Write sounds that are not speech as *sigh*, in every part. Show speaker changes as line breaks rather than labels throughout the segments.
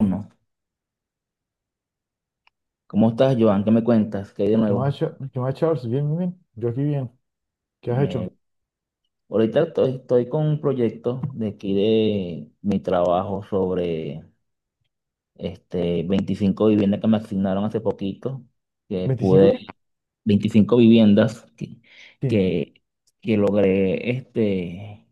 Uno. ¿Cómo estás, Joan? ¿Qué me cuentas? ¿Qué hay de
¿Qué
nuevo?
más, qué más, Charles? Bien, bien, bien. Yo aquí bien. ¿Qué has
Me...
hecho?
Ahorita estoy con un proyecto de aquí de mi trabajo sobre 25 viviendas que me asignaron hace poquito, que
¿25
pude,
qué?
25 viviendas
Sí.
que, que logré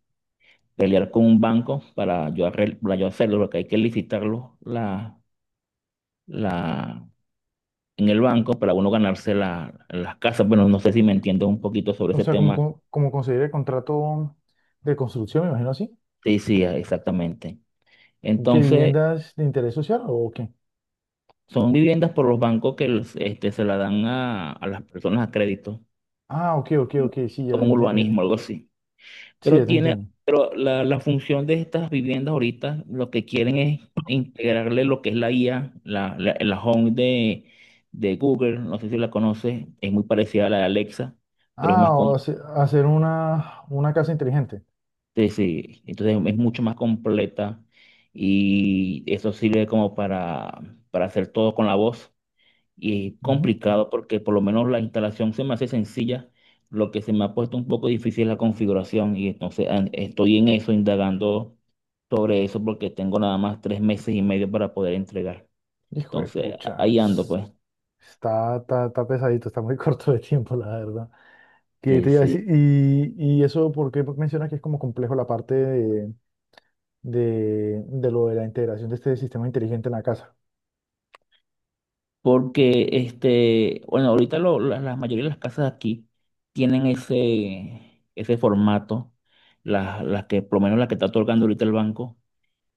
pelear con un banco para yo, para yo hacerlo, porque hay que licitarlo la, en el banco para uno ganarse las casas. Bueno, no sé si me entiendes un poquito sobre
O
ese
sea,
tema.
como conseguir el contrato de construcción, me imagino así.
Sí, sí, ah, exactamente.
¿Qué
Entonces,
viviendas de interés social o qué?
son viviendas por los bancos que los, se la dan a las personas a crédito,
Ah, ok, ok,
como,
ok. Sí, ya
como
te,
un urbanismo, algo así.
sí,
Pero
ya te
tiene,
entiendo.
pero la función de estas viviendas ahorita, lo que quieren es integrarle lo que es la IA, la Home de Google, no sé si la conoces. Es muy parecida a la de Alexa, pero es
Ah,
más completa,
hacer una casa inteligente.
entonces es mucho más completa, y eso sirve como para hacer todo con la voz. Y
Ujú.
complicado porque por lo menos la instalación se me hace sencilla, lo que se me ha puesto un poco difícil es la configuración, y entonces estoy en eso, indagando sobre eso porque tengo nada más tres meses y medio para poder entregar.
Hijo de
Entonces
pucha.
ahí ando pues.
Está pesadito, está muy *laughs* corto de tiempo, la verdad. ¿Qué
Sí,
te iba a
sí.
decir? Y eso, ¿por qué mencionas que es como complejo la parte de, de lo de la integración de este sistema inteligente en la casa.
Porque bueno, ahorita la mayoría de las casas aquí tienen ese formato, las que por lo menos la que está otorgando ahorita el banco.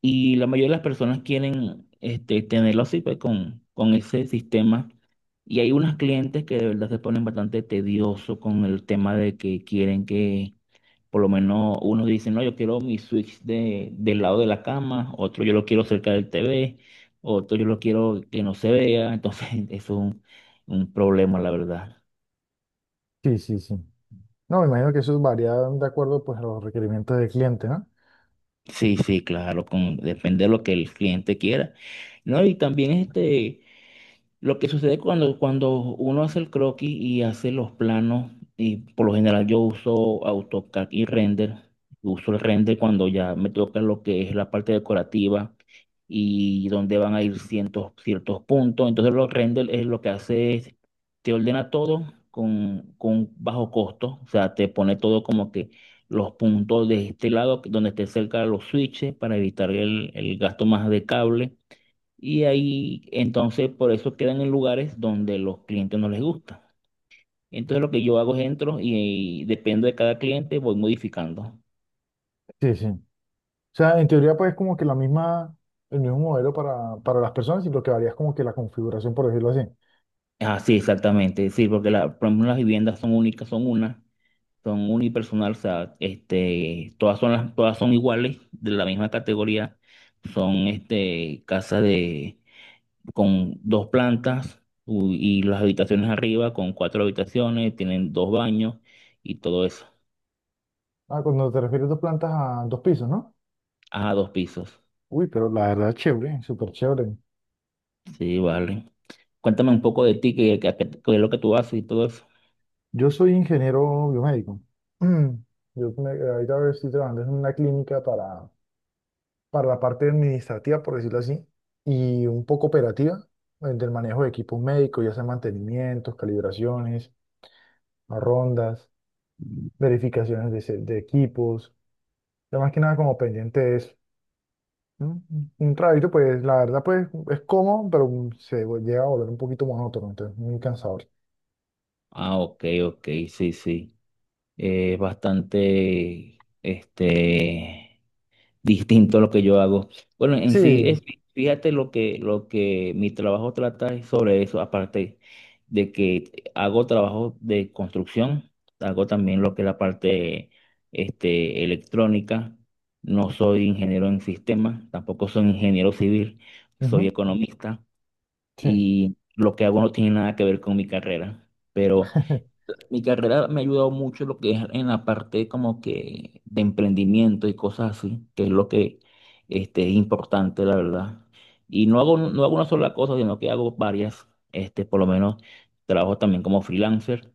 Y la mayoría de las personas quieren tenerlo así, pues con ese sistema. Y hay unas clientes que de verdad se ponen bastante tedioso con el tema de que quieren que, por lo menos, unos dicen, no, yo quiero mi switch de, del lado de la cama, otro yo lo quiero cerca del TV, otro yo lo quiero que no se vea. Entonces, *laughs* es un problema, la verdad.
Sí, sí, sí. No, me imagino que eso varía de acuerdo pues a los requerimientos del cliente, ¿no?
Sí, sí, claro, con, depende de lo que el cliente quiera. No, y también este. Lo que sucede cuando, cuando uno hace el croquis y hace los planos, y por lo general yo uso AutoCAD y render, uso el render cuando ya me toca lo que es la parte decorativa y donde van a ir ciertos puntos. Entonces los render es lo que hace es, te ordena todo con bajo costo. O sea, te pone todo como que los puntos de este lado, donde esté cerca los switches para evitar el gasto más de cable, y ahí, entonces, por eso quedan en lugares donde los clientes no les gusta. Entonces, lo que yo hago es entro y depende de cada cliente, voy modificando.
Sí, sí. O sea, en teoría pues es como que el mismo modelo para las personas y lo que varía es como que la configuración, por decirlo así.
Ah, sí, exactamente. Sí, porque por ejemplo, las viviendas son únicas, son una, son unipersonal. O sea, todas son todas son iguales, de la misma categoría. Son casas de, con dos plantas y las habitaciones arriba con cuatro habitaciones, tienen dos baños y todo eso.
Ah, cuando te refieres dos plantas a dos pisos, ¿no?
Ah, dos pisos.
Uy, pero la verdad chévere, súper chévere.
Sí, vale. Cuéntame un poco de ti, qué, qué es lo que tú haces y todo eso.
Yo soy ingeniero biomédico. *clears throat* Ahorita estoy trabajando en una clínica para la parte administrativa, por decirlo así, y un poco operativa, del manejo de equipos médicos, ya sea mantenimientos, calibraciones, rondas, verificaciones de, de equipos, ya más que nada como pendiente de eso. ¿No? Un trabajito, pues la verdad, pues es cómodo, pero llega a volver un poquito monótono, entonces muy cansador.
Ah, ok, ok, sí, sí. Es bastante, *laughs* distinto a lo que yo hago. Bueno, en sí,
Sí,
es, fíjate lo que mi trabajo trata es sobre eso, aparte de que hago trabajo de construcción, hago también lo que es la parte, electrónica. No soy ingeniero en sistemas, tampoco soy ingeniero civil, soy
ujú,
economista.
sí.
Y lo que hago no tiene nada que ver con mi carrera. Pero
*laughs*
mi carrera me ha ayudado mucho lo que es en la parte como que de emprendimiento y cosas así, que es lo que es importante, la verdad. Y no hago, no hago una sola cosa, sino que hago varias. Por lo menos trabajo también como freelancer.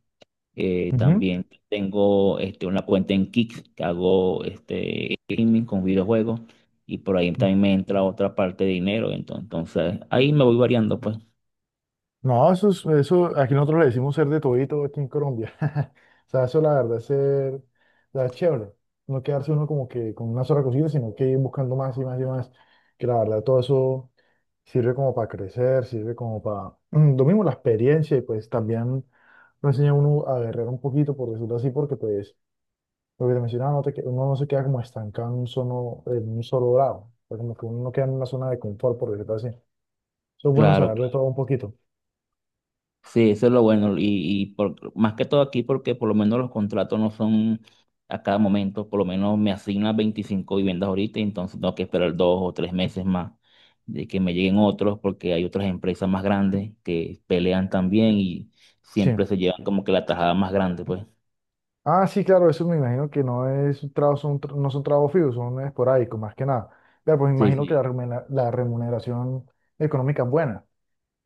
También tengo una cuenta en Kick que hago gaming con videojuegos. Y por ahí
Ujú.
también me entra otra parte de dinero. Entonces, entonces ahí me voy variando, pues.
No, eso es, eso, aquí nosotros le decimos ser de todito aquí en Colombia. *laughs* O sea, eso la verdad es ser, la sea, chévere. No quedarse uno como que con una sola cosita, sino que ir buscando más y más y más. Que la verdad todo eso sirve como para crecer, sirve como para, *clears throat* lo mismo la experiencia y pues también lo enseña a uno a guerrear un poquito, por decirlo así, porque pues lo que te mencionaba, uno no se queda como estancado en un solo lado. O sea, como que uno no queda en una zona de confort, por decirlo así. Eso es bueno
Claro.
saber de todo un poquito.
Sí, eso es lo bueno. Y más que todo aquí, porque por lo menos los contratos no son a cada momento. Por lo menos me asignan 25 viviendas ahorita, y entonces tengo que esperar dos o tres meses más de que me lleguen otros, porque hay otras empresas más grandes que pelean también y
Sí.
siempre se llevan como que la tajada más grande, pues.
Ah, sí, claro, eso me imagino que no es un trabajo, no son trabajos fijos, son esporádicos, más que nada. Claro, pues me
Sí,
imagino que
sí.
la remuneración económica es buena.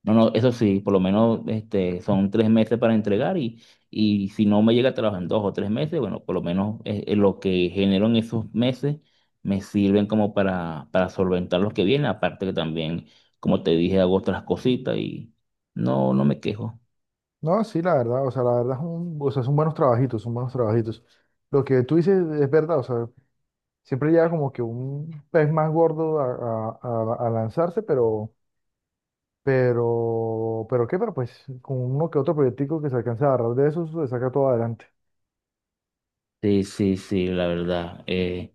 No, no, eso sí, por lo menos son tres meses para entregar y si no me llega a trabajar en dos o tres meses, bueno, por lo menos lo que genero en esos meses me sirven como para solventar los que vienen, aparte que también, como te dije, hago otras cositas y no, no me quejo.
No, sí, la verdad, o sea, la verdad es un- o sea, son buenos trabajitos, son buenos trabajitos. Lo que tú dices es verdad, o sea, siempre llega como que un pez más gordo a lanzarse, pero, pero pues con uno que otro proyectico que se alcance a agarrar de esos, se saca todo adelante.
Sí, sí, sí, la verdad.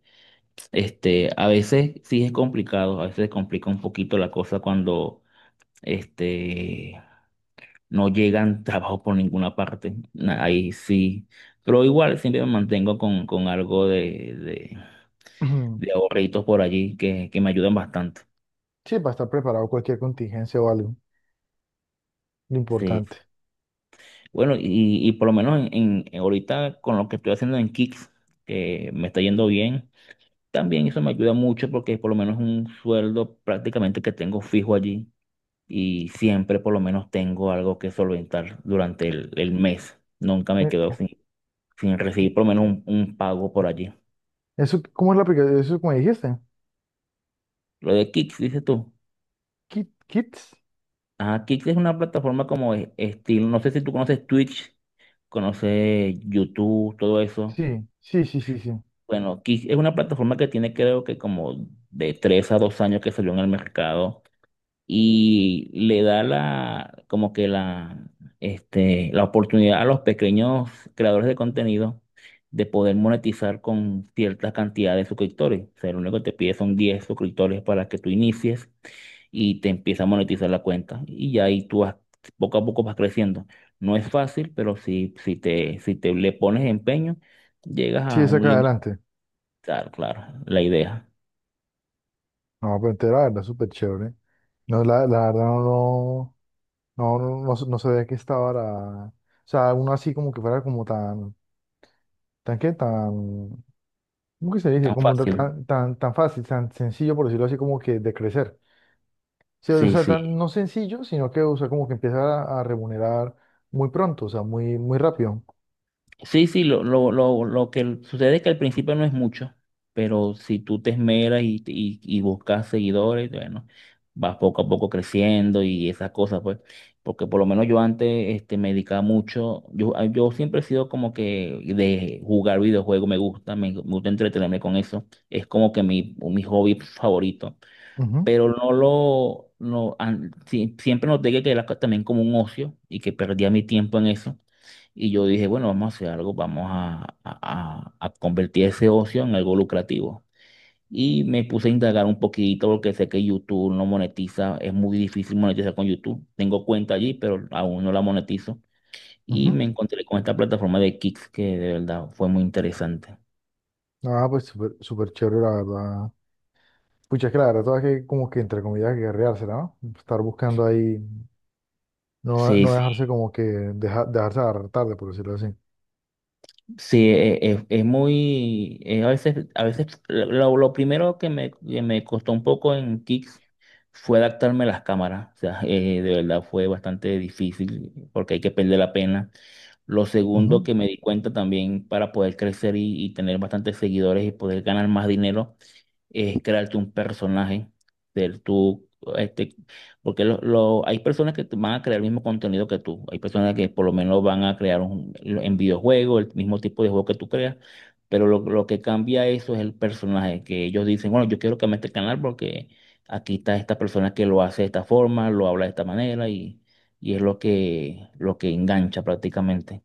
Este, a veces sí es complicado, a veces complica un poquito la cosa cuando este no llegan *laughs* trabajo por ninguna parte. Ahí sí. Pero igual siempre me mantengo con algo de, de
*clears throat*
ahorritos por allí que me ayudan bastante.
Sí, para estar preparado cualquier contingencia o algo, lo
Sí.
importante.
Bueno, y por lo menos ahorita con lo que estoy haciendo en Kicks, que me está yendo bien, también eso me ayuda mucho porque por lo menos es un sueldo prácticamente que tengo fijo allí y siempre por lo menos tengo algo que solventar durante el mes. Nunca me quedo
Eh,
sin, sin recibir por lo menos un pago por allí.
Eso, ¿cómo es la aplicación? Eso, ¿como dijiste?
Lo de Kick, dices tú.
Kits.
Ah, Kick es una plataforma como estilo, no sé si tú conoces Twitch, conoces YouTube, todo eso.
Sí, sí, sí, sí, sí.
Bueno, Kick es una plataforma que tiene creo que como de tres a dos años que salió en el mercado y le da como que la oportunidad a los pequeños creadores de contenido de poder monetizar con cierta cantidad de suscriptores. O sea, lo único que te pide son 10 suscriptores para que tú inicies y te empieza a monetizar la cuenta. Y ya ahí tú vas, poco a poco vas creciendo. No es fácil, pero si, si te, si te le pones empeño, llegas
Sí,
a
es
un
acá
límite,
adelante.
claro, claro, la idea.
No, la verdad, súper chévere. No, la verdad, no, no, no, no, no sabía que estaba la... O sea, uno así como que fuera como tan, tan, ¿cómo que se dice?
Tan
Como ta-
fácil.
tan, tan, tan fácil, tan sencillo, por decirlo así, como que de crecer. Sí, o
Sí,
sea, tan,
sí.
no sencillo, sino que, o sea, como que empieza a remunerar muy pronto, o sea, muy, muy rápido.
Sí, sí, lo que sucede es que al principio no es mucho, pero si tú te esmeras y buscas seguidores, bueno, vas poco a poco creciendo y esas cosas, pues, porque por lo menos yo antes me dedicaba mucho, yo, yo siempre he sido como que de jugar videojuegos, me gusta, me gusta entretenerme con eso, es como que mi hobby favorito,
Ujú,
pero no lo, no, sí, siempre noté que era también como un ocio y que perdía mi tiempo en eso. Y yo dije, bueno, vamos a hacer algo, vamos a, a convertir ese ocio en algo lucrativo. Y me puse a indagar un poquito porque sé que YouTube no monetiza, es muy difícil monetizar con YouTube. Tengo cuenta allí, pero aún no la monetizo. Y
ujú.
me encontré con esta plataforma de Kicks que de verdad fue muy interesante.
Ah, pues súper súper chévere, la verdad. Pucha, es que la verdad, todas que como que entre comillas guerreársela, ¿no? Estar buscando ahí, no,
Sí,
no
sí.
dejarse como que, dejarse agarrar tarde, por decirlo así.
Sí, es, muy, a veces lo primero que me costó un poco en Kicks fue adaptarme a las cámaras. O sea, de verdad fue bastante difícil porque hay que perder la pena. Lo segundo
Ujú.
que me di cuenta también para poder crecer y tener bastantes seguidores y poder ganar más dinero es crearte un personaje del tú, este, porque lo, hay personas que te van a crear el mismo contenido que tú, hay personas que por lo menos van a crear en videojuegos el mismo tipo de juego que tú creas, pero lo que cambia eso es el personaje, que ellos dicen, bueno, yo quiero que me este canal porque aquí está esta persona que lo hace de esta forma, lo habla de esta manera y es lo que engancha prácticamente.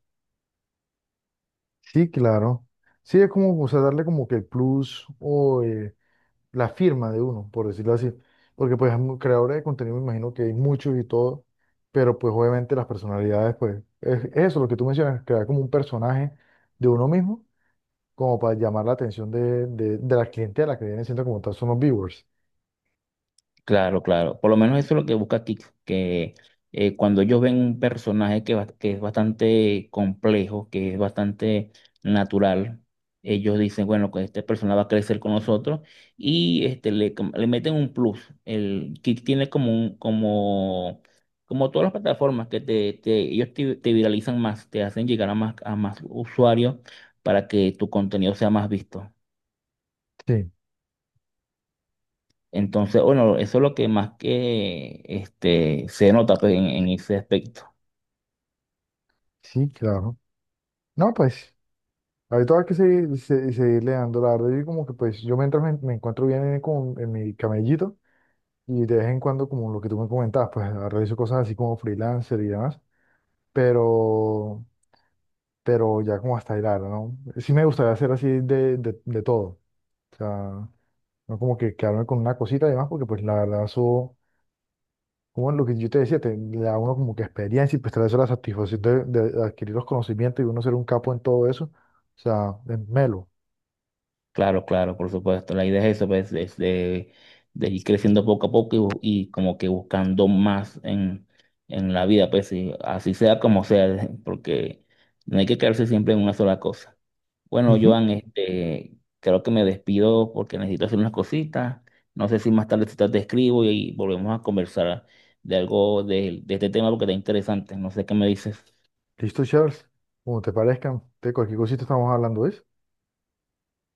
Sí, claro. Sí, es como, o sea, darle como que el plus o la firma de uno, por decirlo así. Porque pues creadores de contenido me imagino que hay muchos y todo, pero pues obviamente las personalidades, pues, es eso lo que tú mencionas, crear como un personaje de uno mismo como para llamar la atención de la clientela que vienen siendo como tal son los viewers.
Claro, claro. Por lo menos eso es lo que busca Kik, que cuando ellos ven un personaje que, que es bastante complejo, que es bastante natural, ellos dicen, bueno, que este personaje va a crecer con nosotros y le, le meten un plus. El Kik tiene como un, como, como todas las plataformas que te, ellos te, te viralizan más, te hacen llegar a más usuarios para que tu contenido sea más visto.
Sí,
Entonces, bueno, eso es lo que más que se nota pues, en ese aspecto.
sí, claro. No, pues, ahorita hay que seguir, seguirle dando la verdad. Yo como que pues yo mientras me encuentro bien en, como en mi camellito y de vez en cuando como lo que tú me comentabas, pues realizo cosas así como freelancer y demás, pero, pero ya como hasta hilar, ¿no? Sí me gustaría hacer así de todo. O sea, no como que quedarme con una cosita y demás, porque pues la verdad eso como lo que yo te decía, le da a uno como que experiencia y pues trae eso la satisfacción de adquirir los conocimientos y uno ser un capo en todo eso. O sea, es melo.
Claro, claro, por supuesto. La idea es eso, pues, es de ir creciendo poco a poco y, y como que buscando más en la vida, pues, y así sea como sea, *laughs* porque no hay que quedarse siempre en una sola cosa. Bueno,
Ujú.
Joan, creo que me despido porque necesito hacer unas cositas. No sé si más tarde si te te escribo y volvemos a conversar de algo de este tema porque está interesante. No sé qué me dices.
Listo, Charles. Como te parezcan, de cualquier cosita estamos hablando, ¿es?